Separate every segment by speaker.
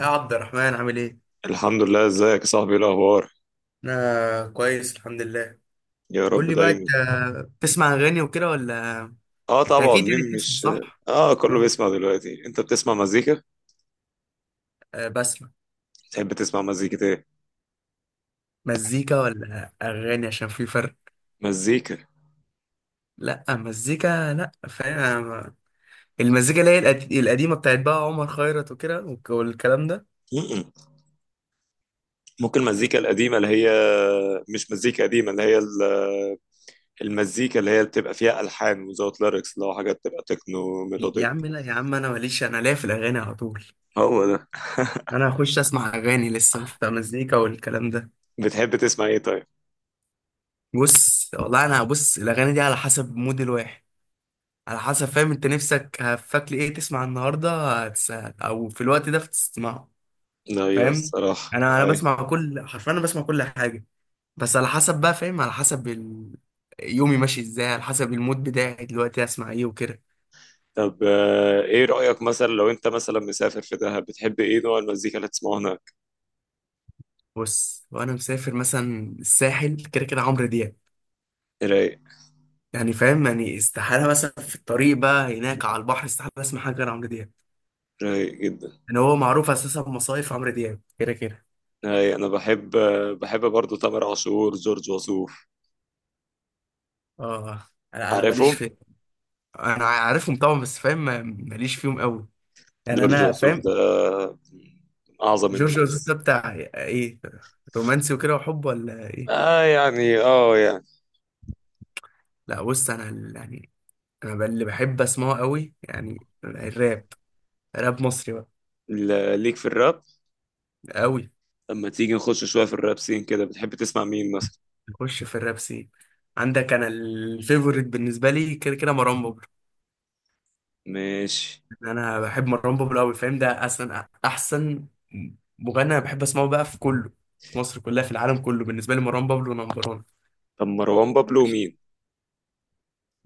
Speaker 1: يا عبد الرحمن عامل ايه؟
Speaker 2: الحمد لله، ازيك يا صاحبي؟ ايه الاخبار؟
Speaker 1: انا كويس الحمد لله.
Speaker 2: يا
Speaker 1: قول
Speaker 2: رب
Speaker 1: لي بقى انت
Speaker 2: دايما.
Speaker 1: بتسمع اغاني وكده، ولا؟
Speaker 2: اه
Speaker 1: انت
Speaker 2: طبعا،
Speaker 1: اكيد يعني
Speaker 2: مين
Speaker 1: بتسمع،
Speaker 2: مش.
Speaker 1: صح؟
Speaker 2: اه كله
Speaker 1: اه
Speaker 2: بيسمع دلوقتي. انت بتسمع مزيكا؟
Speaker 1: بسمع.
Speaker 2: تحب تسمع مزيكة ايه؟
Speaker 1: مزيكا ولا اغاني؟ عشان في فرق.
Speaker 2: مزيكا.
Speaker 1: لا مزيكا، لا فاهم أنا المزيكا اللي هي القديمه بتاعت بقى عمر خيرت وكده والكلام ده.
Speaker 2: م-م. ممكن المزيكا القديمة اللي هي، مش مزيكا قديمة، اللي هي المزيكا اللي هي بتبقى فيها ألحان وزود ليركس، لو حاجات بتبقى تكنو
Speaker 1: يا
Speaker 2: ميلوديك.
Speaker 1: عم، لا يا عم، انا ماليش، انا ليا في الاغاني على طول.
Speaker 2: هو ده.
Speaker 1: انا هخش اسمع اغاني لسه، مش بتاع مزيكا والكلام ده.
Speaker 2: بتحب تسمع ايه طيب؟
Speaker 1: بص والله، انا بص الاغاني دي على حسب مود الواحد، على حسب فاهم، انت نفسك هفاك لي ايه تسمع النهارده، هتس- او في الوقت ده بتسمعه.
Speaker 2: ايوه
Speaker 1: فاهم،
Speaker 2: الصراحة
Speaker 1: انا
Speaker 2: اي.
Speaker 1: بسمع كل، حرفيا انا بسمع كل حاجه. بس على حسب بقى، فاهم، على حسب يومي ماشي ازاي، على حسب المود بتاعي دلوقتي اسمع ايه وكده.
Speaker 2: طب ايه رأيك مثلا لو انت مثلا مسافر في دهب، بتحب ايه نوع المزيكا اللي تسمعه هناك؟
Speaker 1: بص، وانا مسافر مثلا الساحل، كده كده عمرو دياب.
Speaker 2: رايق.
Speaker 1: يعني فاهم، يعني استحاله مثلا في الطريق بقى هناك على البحر، استحاله اسمع حاجه غير عمرو دياب.
Speaker 2: رايق جدا.
Speaker 1: يعني هو معروف اساسا بمصايف عمرو دياب كده كده.
Speaker 2: أي أنا بحب. بحب برضه تامر عاشور، جورج وسوف.
Speaker 1: اه، انا ماليش
Speaker 2: عارفه؟
Speaker 1: في. انا عارفهم طبعا، بس فاهم، ماليش فيهم قوي. يعني
Speaker 2: جورج
Speaker 1: انا
Speaker 2: وسوف
Speaker 1: فاهم.
Speaker 2: ده من أعظم
Speaker 1: جورج وسوف
Speaker 2: الناس.
Speaker 1: ده بتاع ايه؟ رومانسي وكده وحب ولا ايه؟
Speaker 2: آه يعني، آه يعني.
Speaker 1: لا بص، انا يعني، انا اللي بحب اسمعه قوي يعني الراب، راب مصري بقى،
Speaker 2: ليك في الراب؟
Speaker 1: قوي.
Speaker 2: لما تيجي نخش شوية في الراب سين كده، بتحب تسمع مين مثلا؟
Speaker 1: اخش في الراب سين عندك، انا الفيفوريت بالنسبه لي كده كده مروان بابلو.
Speaker 2: ماشي.
Speaker 1: يعني انا بحب مروان بابلو قوي، فاهم، ده اصلا احسن مغني انا بحب اسمعه بقى، في كله، في مصر كلها، في العالم كله، بالنسبه لي مروان بابلو نمبر 1.
Speaker 2: طب مروان بابلو مين؟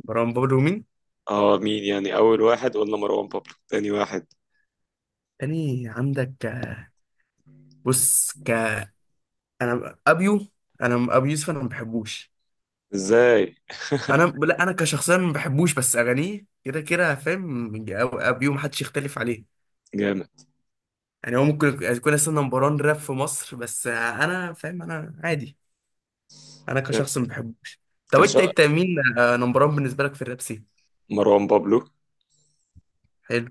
Speaker 1: مروان بابلو مين؟
Speaker 2: آه مين يعني، أول واحد قلنا مروان بابلو، تاني واحد؟
Speaker 1: تاني عندك، بص انا ابيو، انا ابو يوسف، انا ما بحبوش.
Speaker 2: إزاي؟
Speaker 1: انا لا، انا كشخصيا ما بحبوش، بس اغانيه كده كده فاهم. ابيو ما حدش يختلف عليه.
Speaker 2: جامد.
Speaker 1: يعني هو ممكن يكون اصلا نمبر 1 راب في مصر، بس انا فاهم انا عادي، انا كشخص ما بحبوش. طب انت
Speaker 2: كشا.
Speaker 1: انت مين نمبر 1 بالنسبه لك في الراب سين؟
Speaker 2: مروان بابلو.
Speaker 1: حلو.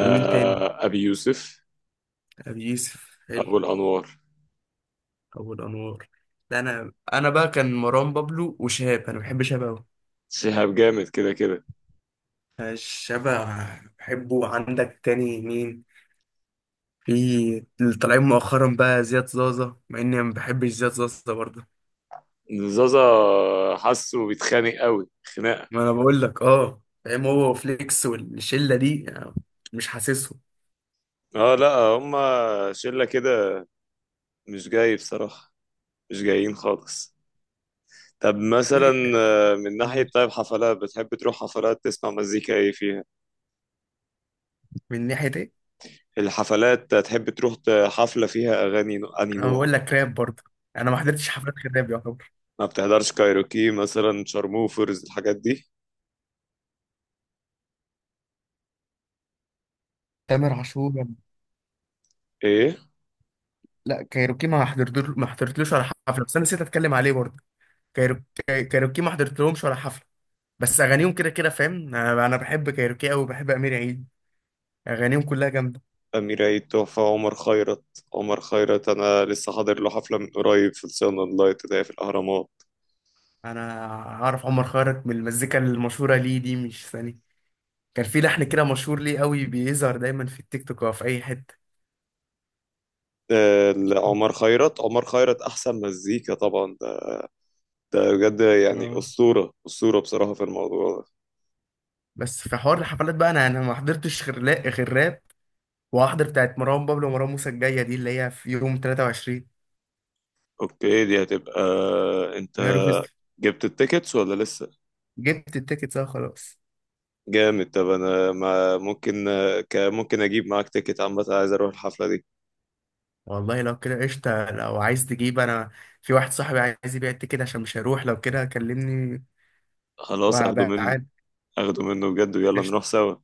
Speaker 1: ومين تاني؟
Speaker 2: أبي يوسف.
Speaker 1: ابو يوسف حلو.
Speaker 2: أبو الأنوار.
Speaker 1: ابو الانوار. ده انا بقى كان مروان بابلو وشهاب، انا بحب شهاب قوي.
Speaker 2: شهاب جامد كده كده.
Speaker 1: شهاب بحبه. عندك تاني مين؟ في اللي طالعين مؤخرا بقى زياد زازا، مع اني ما بحبش زياد زازا برضه.
Speaker 2: زازا. حاسه بيتخانق قوي خناقه.
Speaker 1: ما انا بقول لك، اه، فاهم، هو وفليكس والشله دي يعني، مش حاسسهم.
Speaker 2: اه لا، هما شله كده، مش جاي بصراحه. مش جايين خالص. طب
Speaker 1: قول لي
Speaker 2: مثلا
Speaker 1: انت،
Speaker 2: من ناحية، طيب حفلات، بتحب تروح حفلات تسمع مزيكا ايه فيها؟
Speaker 1: من ناحيه ايه؟
Speaker 2: الحفلات تحب تروح حفلة فيها أغاني أنهي
Speaker 1: انا
Speaker 2: نوع؟
Speaker 1: بقول لك راب برضه. انا ما حضرتش حفلات غير راب يعتبر.
Speaker 2: ما بتحضرش كايروكي مثلا، شارموفرز، الحاجات دي؟
Speaker 1: تامر عاشور.
Speaker 2: ايه؟
Speaker 1: لا كايروكي ما حضرتلوش ولا حفله، بس انا نسيت اتكلم عليه برضه. كايروكي ما حضرتلهمش ولا حفله، بس اغانيهم كده كده فاهم. انا بحب كايروكي قوي، بحب امير عيد. اغانيهم كلها جامده.
Speaker 2: أمير عيد تحفة. عمر خيرت. عمر خيرت أنا لسه حاضر له حفلة من قريب في الصيانة اللايت ده في الأهرامات.
Speaker 1: انا عارف عمر خيرت من المزيكا المشهوره ليه دي، مش ثاني، كان في لحن كده مشهور ليه قوي، بيظهر دايما في التيك توك او في اي حته.
Speaker 2: عمر خيرت. عمر خيرت احسن مزيكا طبعا. ده بجد يعني
Speaker 1: اه.
Speaker 2: اسطوره، اسطوره بصراحه في الموضوع ده.
Speaker 1: بس في حوار الحفلات بقى، انا ما حضرتش غير لا غير راب. وهحضر بتاعت مروان بابلو ومروان موسى الجايه دي، اللي هي في يوم 23
Speaker 2: اوكي، دي هتبقى. انت
Speaker 1: يناير فيستيفال.
Speaker 2: جبت التيكتس ولا لسه؟
Speaker 1: جبت التيكت بقى خلاص.
Speaker 2: جامد. طب انا، ما ممكن، ممكن اجيب معاك تيكت؟ عامه عايز اروح الحفله دي.
Speaker 1: والله لو كده قشطه، لو عايز تجيب، انا في واحد صاحبي عايز يبيع التيكت عشان مش هيروح، لو كده كلمني
Speaker 2: خلاص اخده
Speaker 1: وهبقى
Speaker 2: منه.
Speaker 1: عاد.
Speaker 2: اخده منه بجد، ويلا
Speaker 1: قشطه.
Speaker 2: نروح سوا.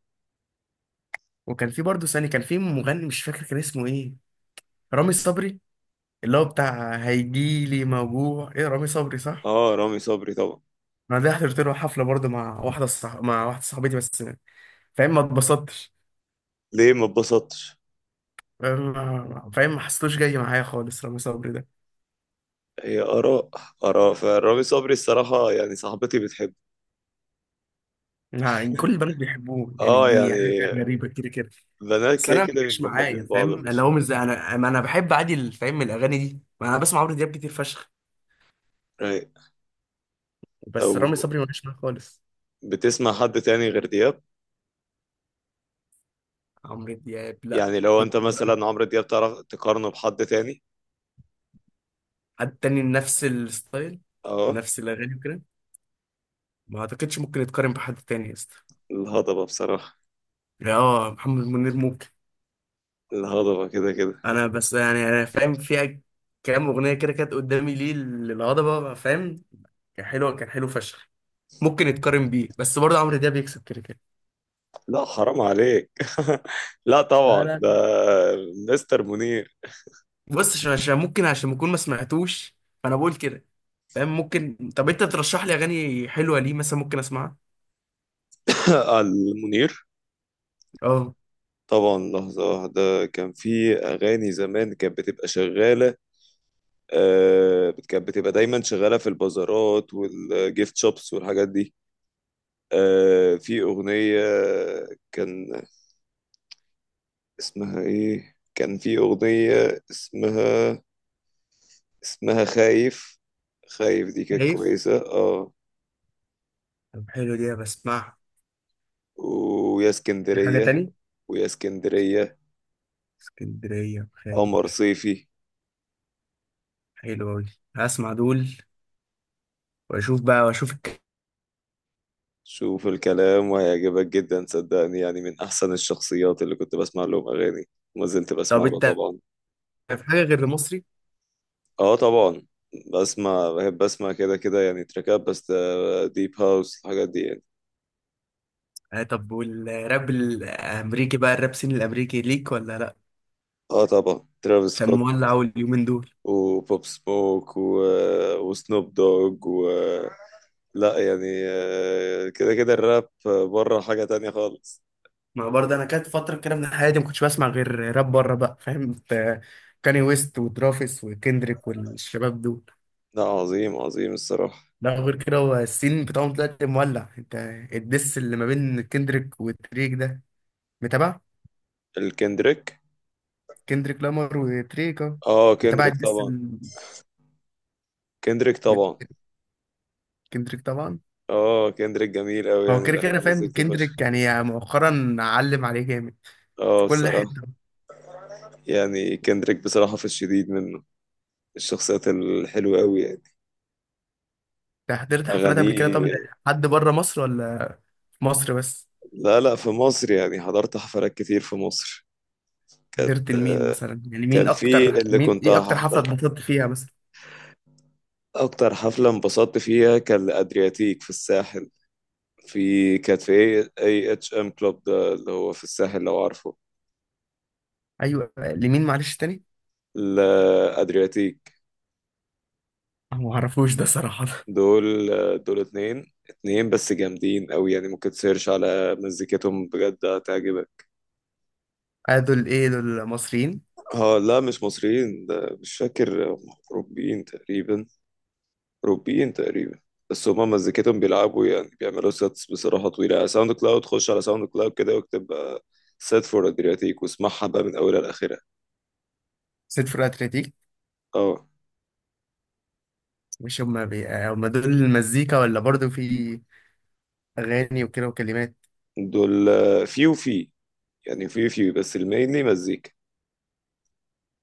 Speaker 1: وكان في برضه ثاني، كان في مغني مش فاكر كان اسمه ايه، رامي صبري، اللي هو بتاع هيجيلي موجوع، ايه رامي صبري صح؟
Speaker 2: اه رامي صبري طبعا.
Speaker 1: انا ده حضرت له حفله برضه مع واحده صاحبتي، بس فاهم ما اتبسطتش.
Speaker 2: ليه ما اتبسطتش؟
Speaker 1: فاهم ما حسيتوش جاي معايا خالص رامي صبري ده.
Speaker 2: هي اراء. اراء فرامي صبري الصراحه، يعني صاحبتي بتحب.
Speaker 1: يعني كل البنات بيحبوه، يعني
Speaker 2: اه
Speaker 1: دي حاجه
Speaker 2: يعني،
Speaker 1: غريبه كده كده.
Speaker 2: بنات
Speaker 1: بس
Speaker 2: كده
Speaker 1: انا ما
Speaker 2: كده
Speaker 1: جاش
Speaker 2: بيبقوا
Speaker 1: معايا
Speaker 2: حابين بعض.
Speaker 1: فاهم، اللي هو مش زي انا، ما انا بحب عادي فاهم الاغاني دي، ما انا بسمع عمرو دياب كتير فشخ.
Speaker 2: Right. او،
Speaker 1: بس رامي صبري ما جاش معايا خالص.
Speaker 2: بتسمع حد تاني غير دياب؟
Speaker 1: عمرو دياب لا.
Speaker 2: يعني لو
Speaker 1: كنت
Speaker 2: انت مثلا عمرو دياب، تعرف تقارنه بحد تاني؟
Speaker 1: حد تاني نفس الستايل
Speaker 2: اه،
Speaker 1: ونفس الاغاني وكده. ما اعتقدش ممكن يتقارن بحد تاني يا اسطى.
Speaker 2: الهضبة بصراحة.
Speaker 1: يعني اه، محمد منير ممكن.
Speaker 2: الهضبة كده كده.
Speaker 1: انا بس يعني انا فاهم فيها كام اغنيه كده كانت قدامي ليه للهضبه، فاهم. كان حلو، كان حلو فشخ. ممكن يتقارن بيه، بس برضه عمرو دياب بيكسب كده كده.
Speaker 2: لا حرام عليك. لا
Speaker 1: لا،
Speaker 2: طبعا،
Speaker 1: لا،
Speaker 2: ده
Speaker 1: لا.
Speaker 2: مستر منير.
Speaker 1: بص، عشان ممكن، عشان بكون ما سمعتوش، فانا بقول كده. فاهم ممكن. طب انت ترشح لي اغاني حلوه ليه مثلا ممكن اسمعها؟
Speaker 2: المنير
Speaker 1: اه.
Speaker 2: طبعا. لحظة واحدة، كان في أغاني زمان كانت بتبقى شغالة. آه كانت بتبقى دايما شغالة في البازارات والجيفت شوبس والحاجات دي. آه في أغنية، كان اسمها ايه، كان في اغنية اسمها، اسمها خايف. خايف دي كانت
Speaker 1: خايف،
Speaker 2: كويسة اه.
Speaker 1: طب حلو دي بسمعها.
Speaker 2: ويا
Speaker 1: في حاجه
Speaker 2: اسكندرية.
Speaker 1: تاني؟
Speaker 2: ويا اسكندرية.
Speaker 1: اسكندريه،
Speaker 2: قمر
Speaker 1: خايف،
Speaker 2: صيفي.
Speaker 1: حلوه قوي. هسمع دول واشوف بقى واشوف.
Speaker 2: شوف الكلام وهيعجبك جدا صدقني، يعني من احسن الشخصيات اللي كنت بسمع لهم اغاني، وما زلت بسمع
Speaker 1: طب
Speaker 2: له
Speaker 1: انت
Speaker 2: طبعا.
Speaker 1: في حاجه غير المصري؟
Speaker 2: اه طبعا، بسمع، بحب اسمع كده كده يعني تراكات بس، ديب هاوس الحاجات دي يعني.
Speaker 1: آه، طب والراب الامريكي بقى، الراب سين الامريكي ليك ولا لا؟
Speaker 2: اه طبعا، ترافيس
Speaker 1: عشان
Speaker 2: سكوت
Speaker 1: مولع أوي اليومين دول.
Speaker 2: وبوب سموك و... وسنوب دوج و... آه، لا يعني، كده كده الراب بره حاجة تانية خالص.
Speaker 1: ما برضه انا كانت فتره كده من حياتي ما كنتش بسمع غير راب بره بقى فاهم، كاني ويست وترافيس وكندريك والشباب دول.
Speaker 2: لا، عظيم عظيم الصراحة.
Speaker 1: لا غير كده. هو السين بتاعهم دلوقتي مولع، انت. الدس اللي ما بين كندريك وتريك ده متابع؟
Speaker 2: الكندريك.
Speaker 1: كندريك لامار وتريك اه.
Speaker 2: اه
Speaker 1: متابع
Speaker 2: كندريك
Speaker 1: الدس
Speaker 2: طبعا. كندريك طبعا.
Speaker 1: كندريك طبعا.
Speaker 2: اه كندريك جميل قوي،
Speaker 1: هو
Speaker 2: يعني
Speaker 1: كده
Speaker 2: بحب
Speaker 1: كده فاهم
Speaker 2: مزيكته فشخ.
Speaker 1: كندريك يعني مؤخرا علم عليه جامد في
Speaker 2: اه
Speaker 1: كل
Speaker 2: بصراحة،
Speaker 1: حتة.
Speaker 2: يعني كندريك بصراحة في الشديد منه الشخصيات الحلوة قوي يعني.
Speaker 1: انت حضرت حفلات قبل كده طب؟
Speaker 2: أغانيه.
Speaker 1: حد بره مصر ولا في مصر بس؟
Speaker 2: لا لا، في مصر، يعني حضرت حفلات كتير في مصر. كانت
Speaker 1: حضرت لمين
Speaker 2: آه،
Speaker 1: مثلا؟ يعني
Speaker 2: كان
Speaker 1: مين
Speaker 2: في
Speaker 1: اكتر،
Speaker 2: اللي
Speaker 1: مين
Speaker 2: كنت
Speaker 1: ايه اكتر حفلة
Speaker 2: هحضر.
Speaker 1: اتبسطت فيها مثلا؟
Speaker 2: اكتر حفله انبسطت فيها كان الادرياتيك في الساحل. في، كانت في اي اي اتش ام كلوب ده اللي هو في الساحل لو عارفه.
Speaker 1: ايوه، لمين معلش تاني؟
Speaker 2: الادرياتيك.
Speaker 1: أنا ما اعرفوش ده صراحة.
Speaker 2: دول. دول اتنين اتنين بس جامدين قوي، يعني ممكن تسيرش على مزيكتهم بجد هتعجبك.
Speaker 1: آه، دول ايه، دول مصريين؟
Speaker 2: اه لا، مش مصريين، ده مش فاكر هم. اوروبيين تقريبا. اوروبيين تقريبا. بس هما مزيكتهم بيلعبوا، يعني بيعملوا سيتس بصراحة طويلة. ساوند كلاود، خش على ساوند كلاود كده واكتب سيت فور ادرياتيك، واسمعها بقى من اولها لاخرها.
Speaker 1: سيد فرقة اتلتيك.
Speaker 2: اه
Speaker 1: مش هما هما دول المزيكا ولا برضو في اغاني وكده وكلمات؟
Speaker 2: دول آه، في وفي يعني، في بس المينلي مزيكا.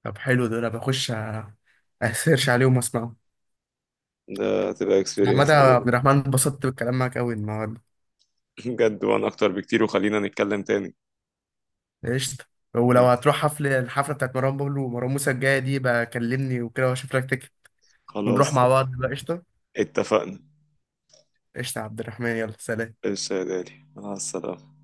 Speaker 1: طب حلو دول، بخش اسيرش عليهم واسمعهم.
Speaker 2: ده هتبقى
Speaker 1: احمد
Speaker 2: اكسبيرينس.
Speaker 1: عبد الرحمن، اتبسطت بالكلام معاك قوي النهارده.
Speaker 2: بجد، وانا اكتر بكتير، وخلينا نتكلم تاني.
Speaker 1: قشطة. ولو هتروح حفلة، الحفلة بتاعت مروان بابلو ومروان موسى الجاية دي بقى كلمني وكده، واشوف لك تكت ونروح
Speaker 2: خلاص.
Speaker 1: مع بعض بقى. قشطة،
Speaker 2: اتفقنا.
Speaker 1: قشطة يا عبد الرحمن، يلا سلام.
Speaker 2: ايش يا غالي، مع السلامة.